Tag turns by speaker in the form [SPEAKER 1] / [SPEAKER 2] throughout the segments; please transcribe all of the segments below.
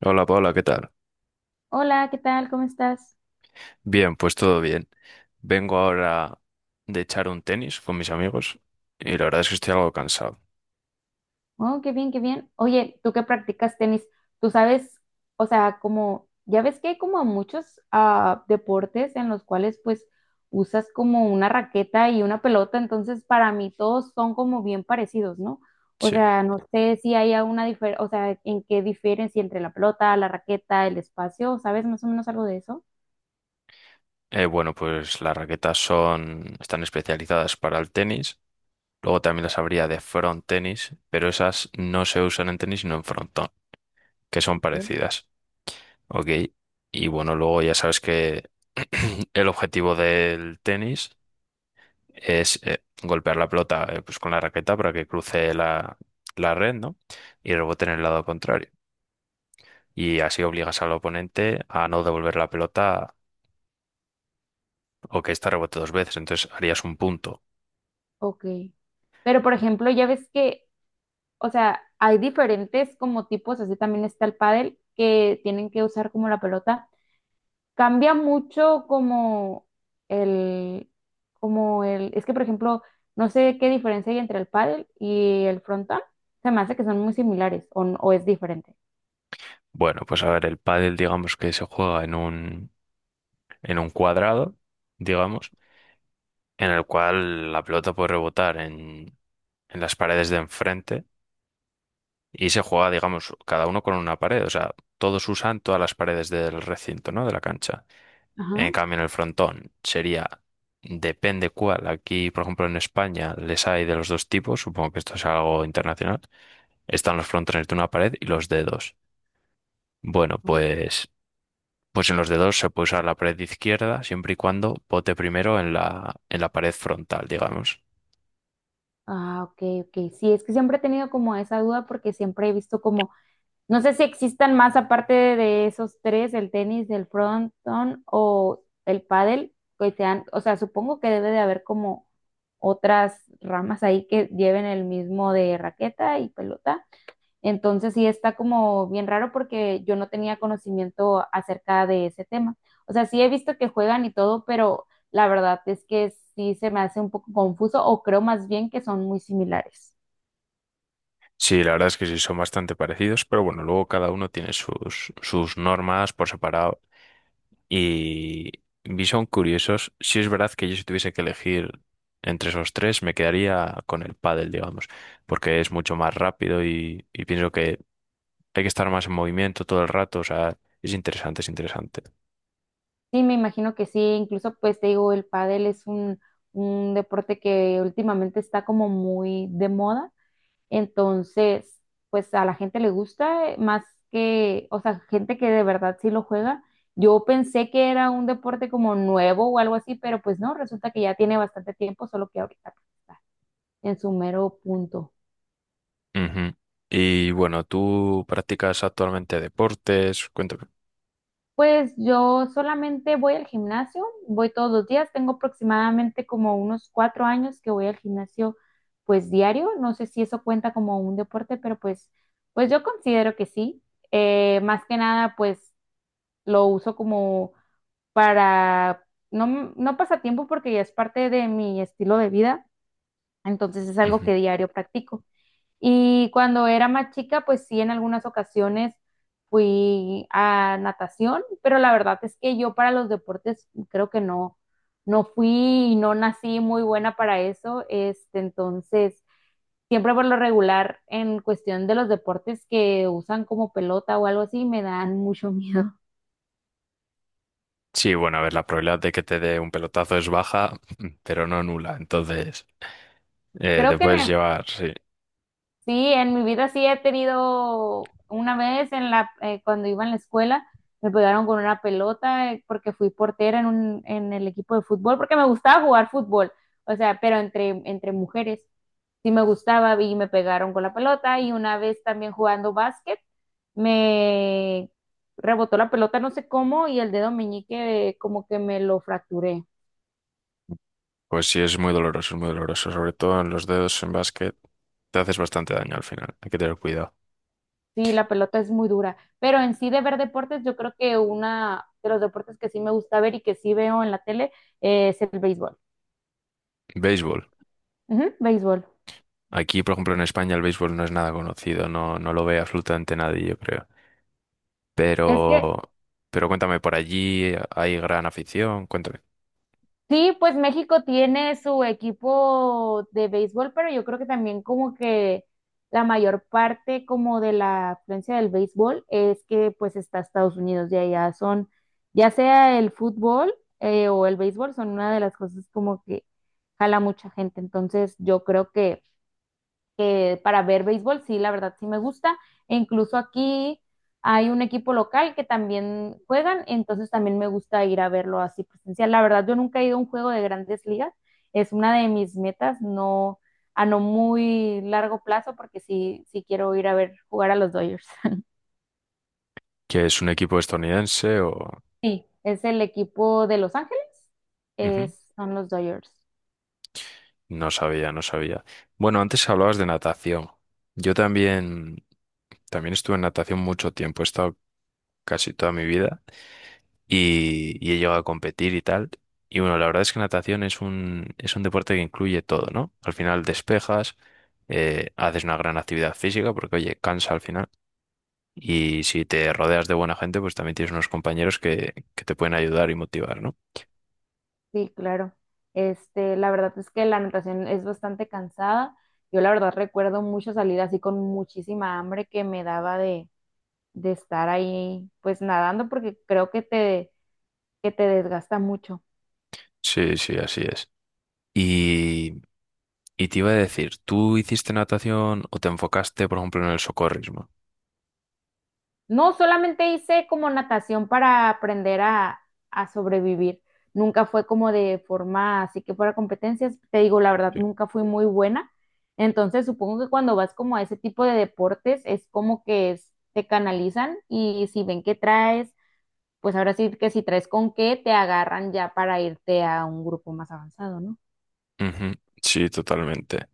[SPEAKER 1] Hola Paula, ¿qué tal?
[SPEAKER 2] Hola, ¿qué tal? ¿Cómo estás?
[SPEAKER 1] Bien, pues todo bien. Vengo ahora de echar un tenis con mis amigos y la verdad es que estoy algo cansado.
[SPEAKER 2] Oh, qué bien, qué bien. Oye, tú que practicas tenis, tú sabes, o sea, como, ya ves que hay como muchos deportes en los cuales pues usas como una raqueta y una pelota, entonces para mí todos son como bien parecidos, ¿no? O
[SPEAKER 1] Sí.
[SPEAKER 2] sea, no sé si hay alguna diferencia, o sea, en qué diferencia entre la pelota, la raqueta, el espacio, ¿sabes más o menos algo de eso?
[SPEAKER 1] Bueno, pues las raquetas están especializadas para el tenis. Luego también las habría de front tenis, pero esas no se usan en tenis sino en frontón, que son
[SPEAKER 2] Ok.
[SPEAKER 1] parecidas. Ok. Y bueno, luego ya sabes que el objetivo del tenis es golpear la pelota pues con la raqueta para que cruce la red, ¿no? Y rebote en el lado contrario. Y así obligas al oponente a no devolver la pelota o que ésta rebote dos veces. Entonces harías un punto.
[SPEAKER 2] Ok. Pero por ejemplo, ya ves que o sea, hay diferentes como tipos, así también está el pádel, que tienen que usar como la pelota. Cambia mucho el, como el, es que por ejemplo, no sé qué diferencia hay entre el pádel y el frontón. Se me hace que son muy similares o, o es diferente.
[SPEAKER 1] Bueno, pues a ver, el pádel digamos que se juega en en un cuadrado, digamos, en el cual la pelota puede rebotar en las paredes de enfrente y se juega, digamos, cada uno con una pared. O sea, todos usan todas las paredes del recinto, ¿no? De la cancha.
[SPEAKER 2] Ajá.
[SPEAKER 1] En cambio, en el frontón sería, depende cuál. Aquí, por ejemplo, en España les hay de los dos tipos, supongo que esto es algo internacional. Están los frontones de una pared y los dedos. Bueno, pues en los dedos se puede usar la pared izquierda siempre y cuando bote primero en en la pared frontal, digamos.
[SPEAKER 2] Ah, ok, ok. Sí, es que siempre he tenido como esa duda porque siempre he visto como no sé si existan más aparte de esos tres, el tenis, el frontón o el pádel, que sean, o sea, supongo que debe de haber como otras ramas ahí que lleven el mismo de raqueta y pelota. Entonces sí está como bien raro porque yo no tenía conocimiento acerca de ese tema. O sea, sí he visto que juegan y todo, pero la verdad es que sí se me hace un poco confuso o creo más bien que son muy similares.
[SPEAKER 1] Sí, la verdad es que sí, son bastante parecidos, pero bueno, luego cada uno tiene sus normas por separado. Y Bison Curiosos, si es verdad que yo si tuviese que elegir entre esos tres, me quedaría con el pádel, digamos, porque es mucho más rápido y pienso que hay que estar más en movimiento todo el rato, o sea, es interesante, es interesante.
[SPEAKER 2] Sí, me imagino que sí, incluso pues te digo, el pádel es un deporte que últimamente está como muy de moda, entonces pues a la gente le gusta más que, o sea, gente que de verdad sí lo juega. Yo pensé que era un deporte como nuevo o algo así, pero pues no, resulta que ya tiene bastante tiempo, solo que ahorita pues, está en su mero punto.
[SPEAKER 1] Ujú. Y bueno, ¿tú practicas actualmente deportes? Cuéntame.
[SPEAKER 2] Pues yo solamente voy al gimnasio, voy todos los días, tengo aproximadamente como unos 4 años que voy al gimnasio pues diario, no sé si eso cuenta como un deporte, pero pues, pues yo considero que sí. Más que nada pues lo uso como para, no, no pasatiempo porque ya es parte de mi estilo de vida, entonces es algo
[SPEAKER 1] Ujú.
[SPEAKER 2] que diario practico. Y cuando era más chica, pues sí, en algunas ocasiones fui a natación, pero la verdad es que yo para los deportes creo que no, no fui y no nací muy buena para eso. Este, entonces, siempre por lo regular, en cuestión de los deportes que usan como pelota o algo así, me dan mucho miedo.
[SPEAKER 1] Sí, bueno, a ver, la probabilidad de que te dé un pelotazo es baja, pero no nula, entonces
[SPEAKER 2] Creo
[SPEAKER 1] te
[SPEAKER 2] que en
[SPEAKER 1] puedes
[SPEAKER 2] el-
[SPEAKER 1] llevar, sí.
[SPEAKER 2] Sí, en mi vida sí he tenido una vez en la cuando iba en la escuela me pegaron con una pelota porque fui portera en un en el equipo de fútbol porque me gustaba jugar fútbol, o sea, pero entre mujeres sí me gustaba y me pegaron con la pelota y una vez también jugando básquet me rebotó la pelota no sé cómo y el dedo meñique como que me lo fracturé.
[SPEAKER 1] Pues sí, es muy doloroso, es muy doloroso. Sobre todo en los dedos en básquet, te haces bastante daño al final. Hay que tener cuidado.
[SPEAKER 2] Sí, la pelota es muy dura, pero en sí de ver deportes, yo creo que una de los deportes que sí me gusta ver y que sí veo en la tele es el béisbol.
[SPEAKER 1] Béisbol.
[SPEAKER 2] Ujú, béisbol.
[SPEAKER 1] Aquí, por ejemplo, en España el béisbol no es nada conocido, no, no lo ve absolutamente nadie, yo creo.
[SPEAKER 2] Es que
[SPEAKER 1] Pero, pero cuéntame, ¿por allí hay gran afición? Cuéntame.
[SPEAKER 2] sí, pues México tiene su equipo de béisbol, pero yo creo que también como que la mayor parte como de la afluencia del béisbol es que pues está Estados Unidos y allá son, ya sea el fútbol o el béisbol, son una de las cosas como que jala mucha gente. Entonces yo creo que para ver béisbol, sí, la verdad sí me gusta. E incluso aquí hay un equipo local que también juegan, entonces también me gusta ir a verlo así presencial. La verdad, yo nunca he ido a un juego de grandes ligas, es una de mis metas, no a no muy largo plazo, porque sí, sí quiero ir a ver jugar a los Dodgers.
[SPEAKER 1] ¿Que es un equipo estadounidense o...?
[SPEAKER 2] Sí, es el equipo de Los Ángeles,
[SPEAKER 1] Ujú.
[SPEAKER 2] es, son los Dodgers.
[SPEAKER 1] No sabía, no sabía. Bueno, antes hablabas de natación. Yo también, también estuve en natación mucho tiempo, he estado casi toda mi vida. Y y he llegado a competir y tal. Y bueno, la verdad es que natación es es un deporte que incluye todo, ¿no? Al final despejas, haces una gran actividad física porque, oye, cansa al final. Y si te rodeas de buena gente, pues también tienes unos compañeros que te pueden ayudar y motivar, ¿no?
[SPEAKER 2] Sí, claro. Este, la verdad es que la natación es bastante cansada. Yo la verdad recuerdo mucho salir así con muchísima hambre que me daba de estar ahí pues nadando porque creo que te desgasta mucho.
[SPEAKER 1] Sí, sí, así es. Y, y te iba a decir, ¿tú hiciste natación o te enfocaste, por ejemplo, en el socorrismo?
[SPEAKER 2] No, solamente hice como natación para aprender a sobrevivir. Nunca fue como de forma, así que fuera competencias, te digo la verdad,
[SPEAKER 1] Sí.
[SPEAKER 2] nunca fui muy buena. Entonces, supongo que cuando vas como a ese tipo de deportes, es como que te canalizan y si ven que traes, pues ahora sí que si traes con qué, te agarran ya para irte a un grupo más avanzado, ¿no?
[SPEAKER 1] Ujú, sí, totalmente.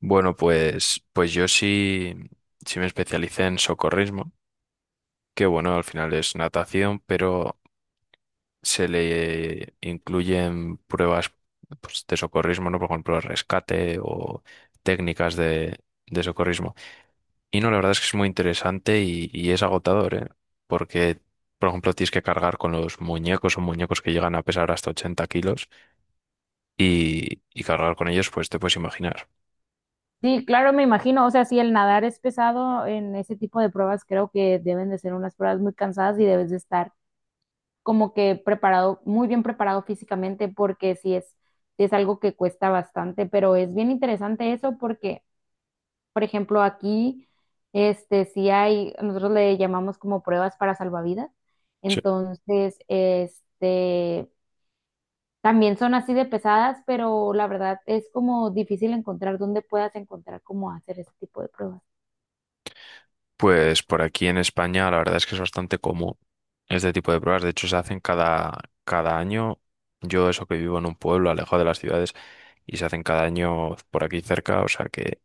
[SPEAKER 1] Bueno, pues yo sí, sí me especialicé en socorrismo, que bueno, al final es natación, pero se le incluyen pruebas pues, de socorrismo, ¿no? Por ejemplo, rescate o técnicas de socorrismo. Y no, la verdad es que es muy interesante y es agotador, ¿eh? Porque, por ejemplo, tienes que cargar con los muñecos o muñecos que llegan a pesar hasta 80 kilos y cargar con ellos, pues te puedes imaginar.
[SPEAKER 2] Sí, claro, me imagino. O sea, si el nadar es pesado en ese tipo de pruebas, creo que deben de ser unas pruebas muy cansadas y debes de estar como que preparado, muy bien preparado físicamente, porque sí es algo que cuesta bastante, pero es bien interesante eso porque, por ejemplo, aquí, este, sí hay, nosotros le llamamos como pruebas para salvavidas,
[SPEAKER 1] Sí.
[SPEAKER 2] entonces, este, también son así de pesadas, pero la verdad es como difícil encontrar dónde puedas encontrar cómo hacer ese tipo de pruebas.
[SPEAKER 1] Pues por aquí en España la verdad es que es bastante común este tipo de pruebas. De hecho, se hacen cada año. Yo eso que vivo en un pueblo alejado de las ciudades y se hacen cada año por aquí cerca, o sea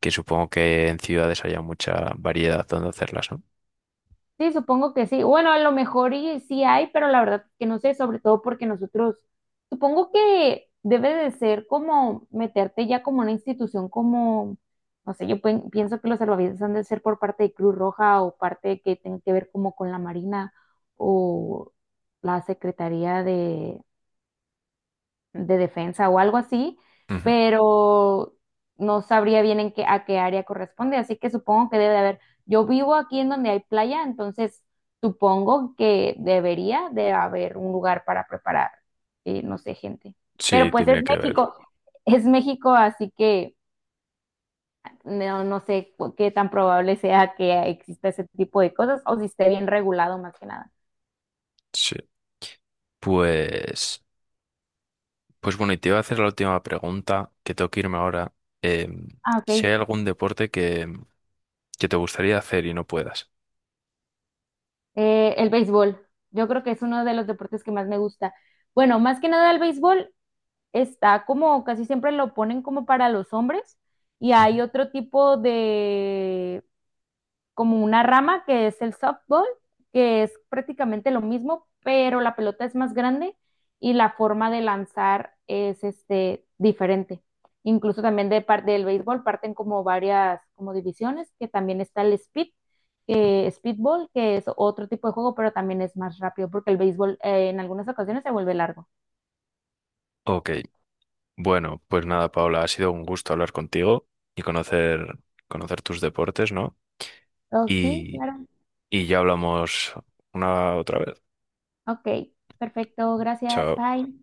[SPEAKER 1] que supongo que en ciudades haya mucha variedad donde hacerlas, ¿no?
[SPEAKER 2] Sí, supongo que sí. Bueno, a lo mejor y sí hay, pero la verdad que no sé, sobre todo porque nosotros, supongo que debe de ser como meterte ya como una institución como, no sé, yo pienso que los salvavidas han de ser por parte de Cruz Roja o parte que tiene que ver como con la Marina o la Secretaría de defensa o algo así,
[SPEAKER 1] Ujú.
[SPEAKER 2] pero no sabría bien en qué, a qué área corresponde, así que supongo que debe de haber. Yo vivo aquí en donde hay playa, entonces supongo que debería de haber un lugar para preparar, no sé, gente.
[SPEAKER 1] Sí,
[SPEAKER 2] Pero pues
[SPEAKER 1] tiene que ver.
[SPEAKER 2] Es México, así que no, no sé qué tan probable sea que exista ese tipo de cosas o si esté bien regulado más que nada.
[SPEAKER 1] Sí. Pues, pues bueno, y te iba a hacer la última pregunta, que tengo que irme ahora. Em,
[SPEAKER 2] Ah,
[SPEAKER 1] si
[SPEAKER 2] ok.
[SPEAKER 1] hay algún deporte que te gustaría hacer y no puedas.
[SPEAKER 2] El béisbol. Yo creo que es uno de los deportes que más me gusta. Bueno, más que nada el béisbol está como casi siempre lo ponen como para los hombres y
[SPEAKER 1] Ujú.
[SPEAKER 2] hay otro tipo de, como una rama que es el softball, que es prácticamente lo mismo, pero la pelota es más grande y la forma de lanzar es este, diferente. Incluso también de parte del béisbol parten como varias como divisiones, que también está el speed, que speedball, que es otro tipo de juego, pero también es más rápido porque el béisbol en algunas ocasiones se vuelve largo.
[SPEAKER 1] Ok, bueno, pues nada, Paula, ha sido un gusto hablar contigo y conocer, conocer tus deportes, ¿no?
[SPEAKER 2] Oh, sí,
[SPEAKER 1] Y,
[SPEAKER 2] claro.
[SPEAKER 1] y ya hablamos una otra vez.
[SPEAKER 2] Ok, perfecto, gracias,
[SPEAKER 1] Chao.
[SPEAKER 2] bye.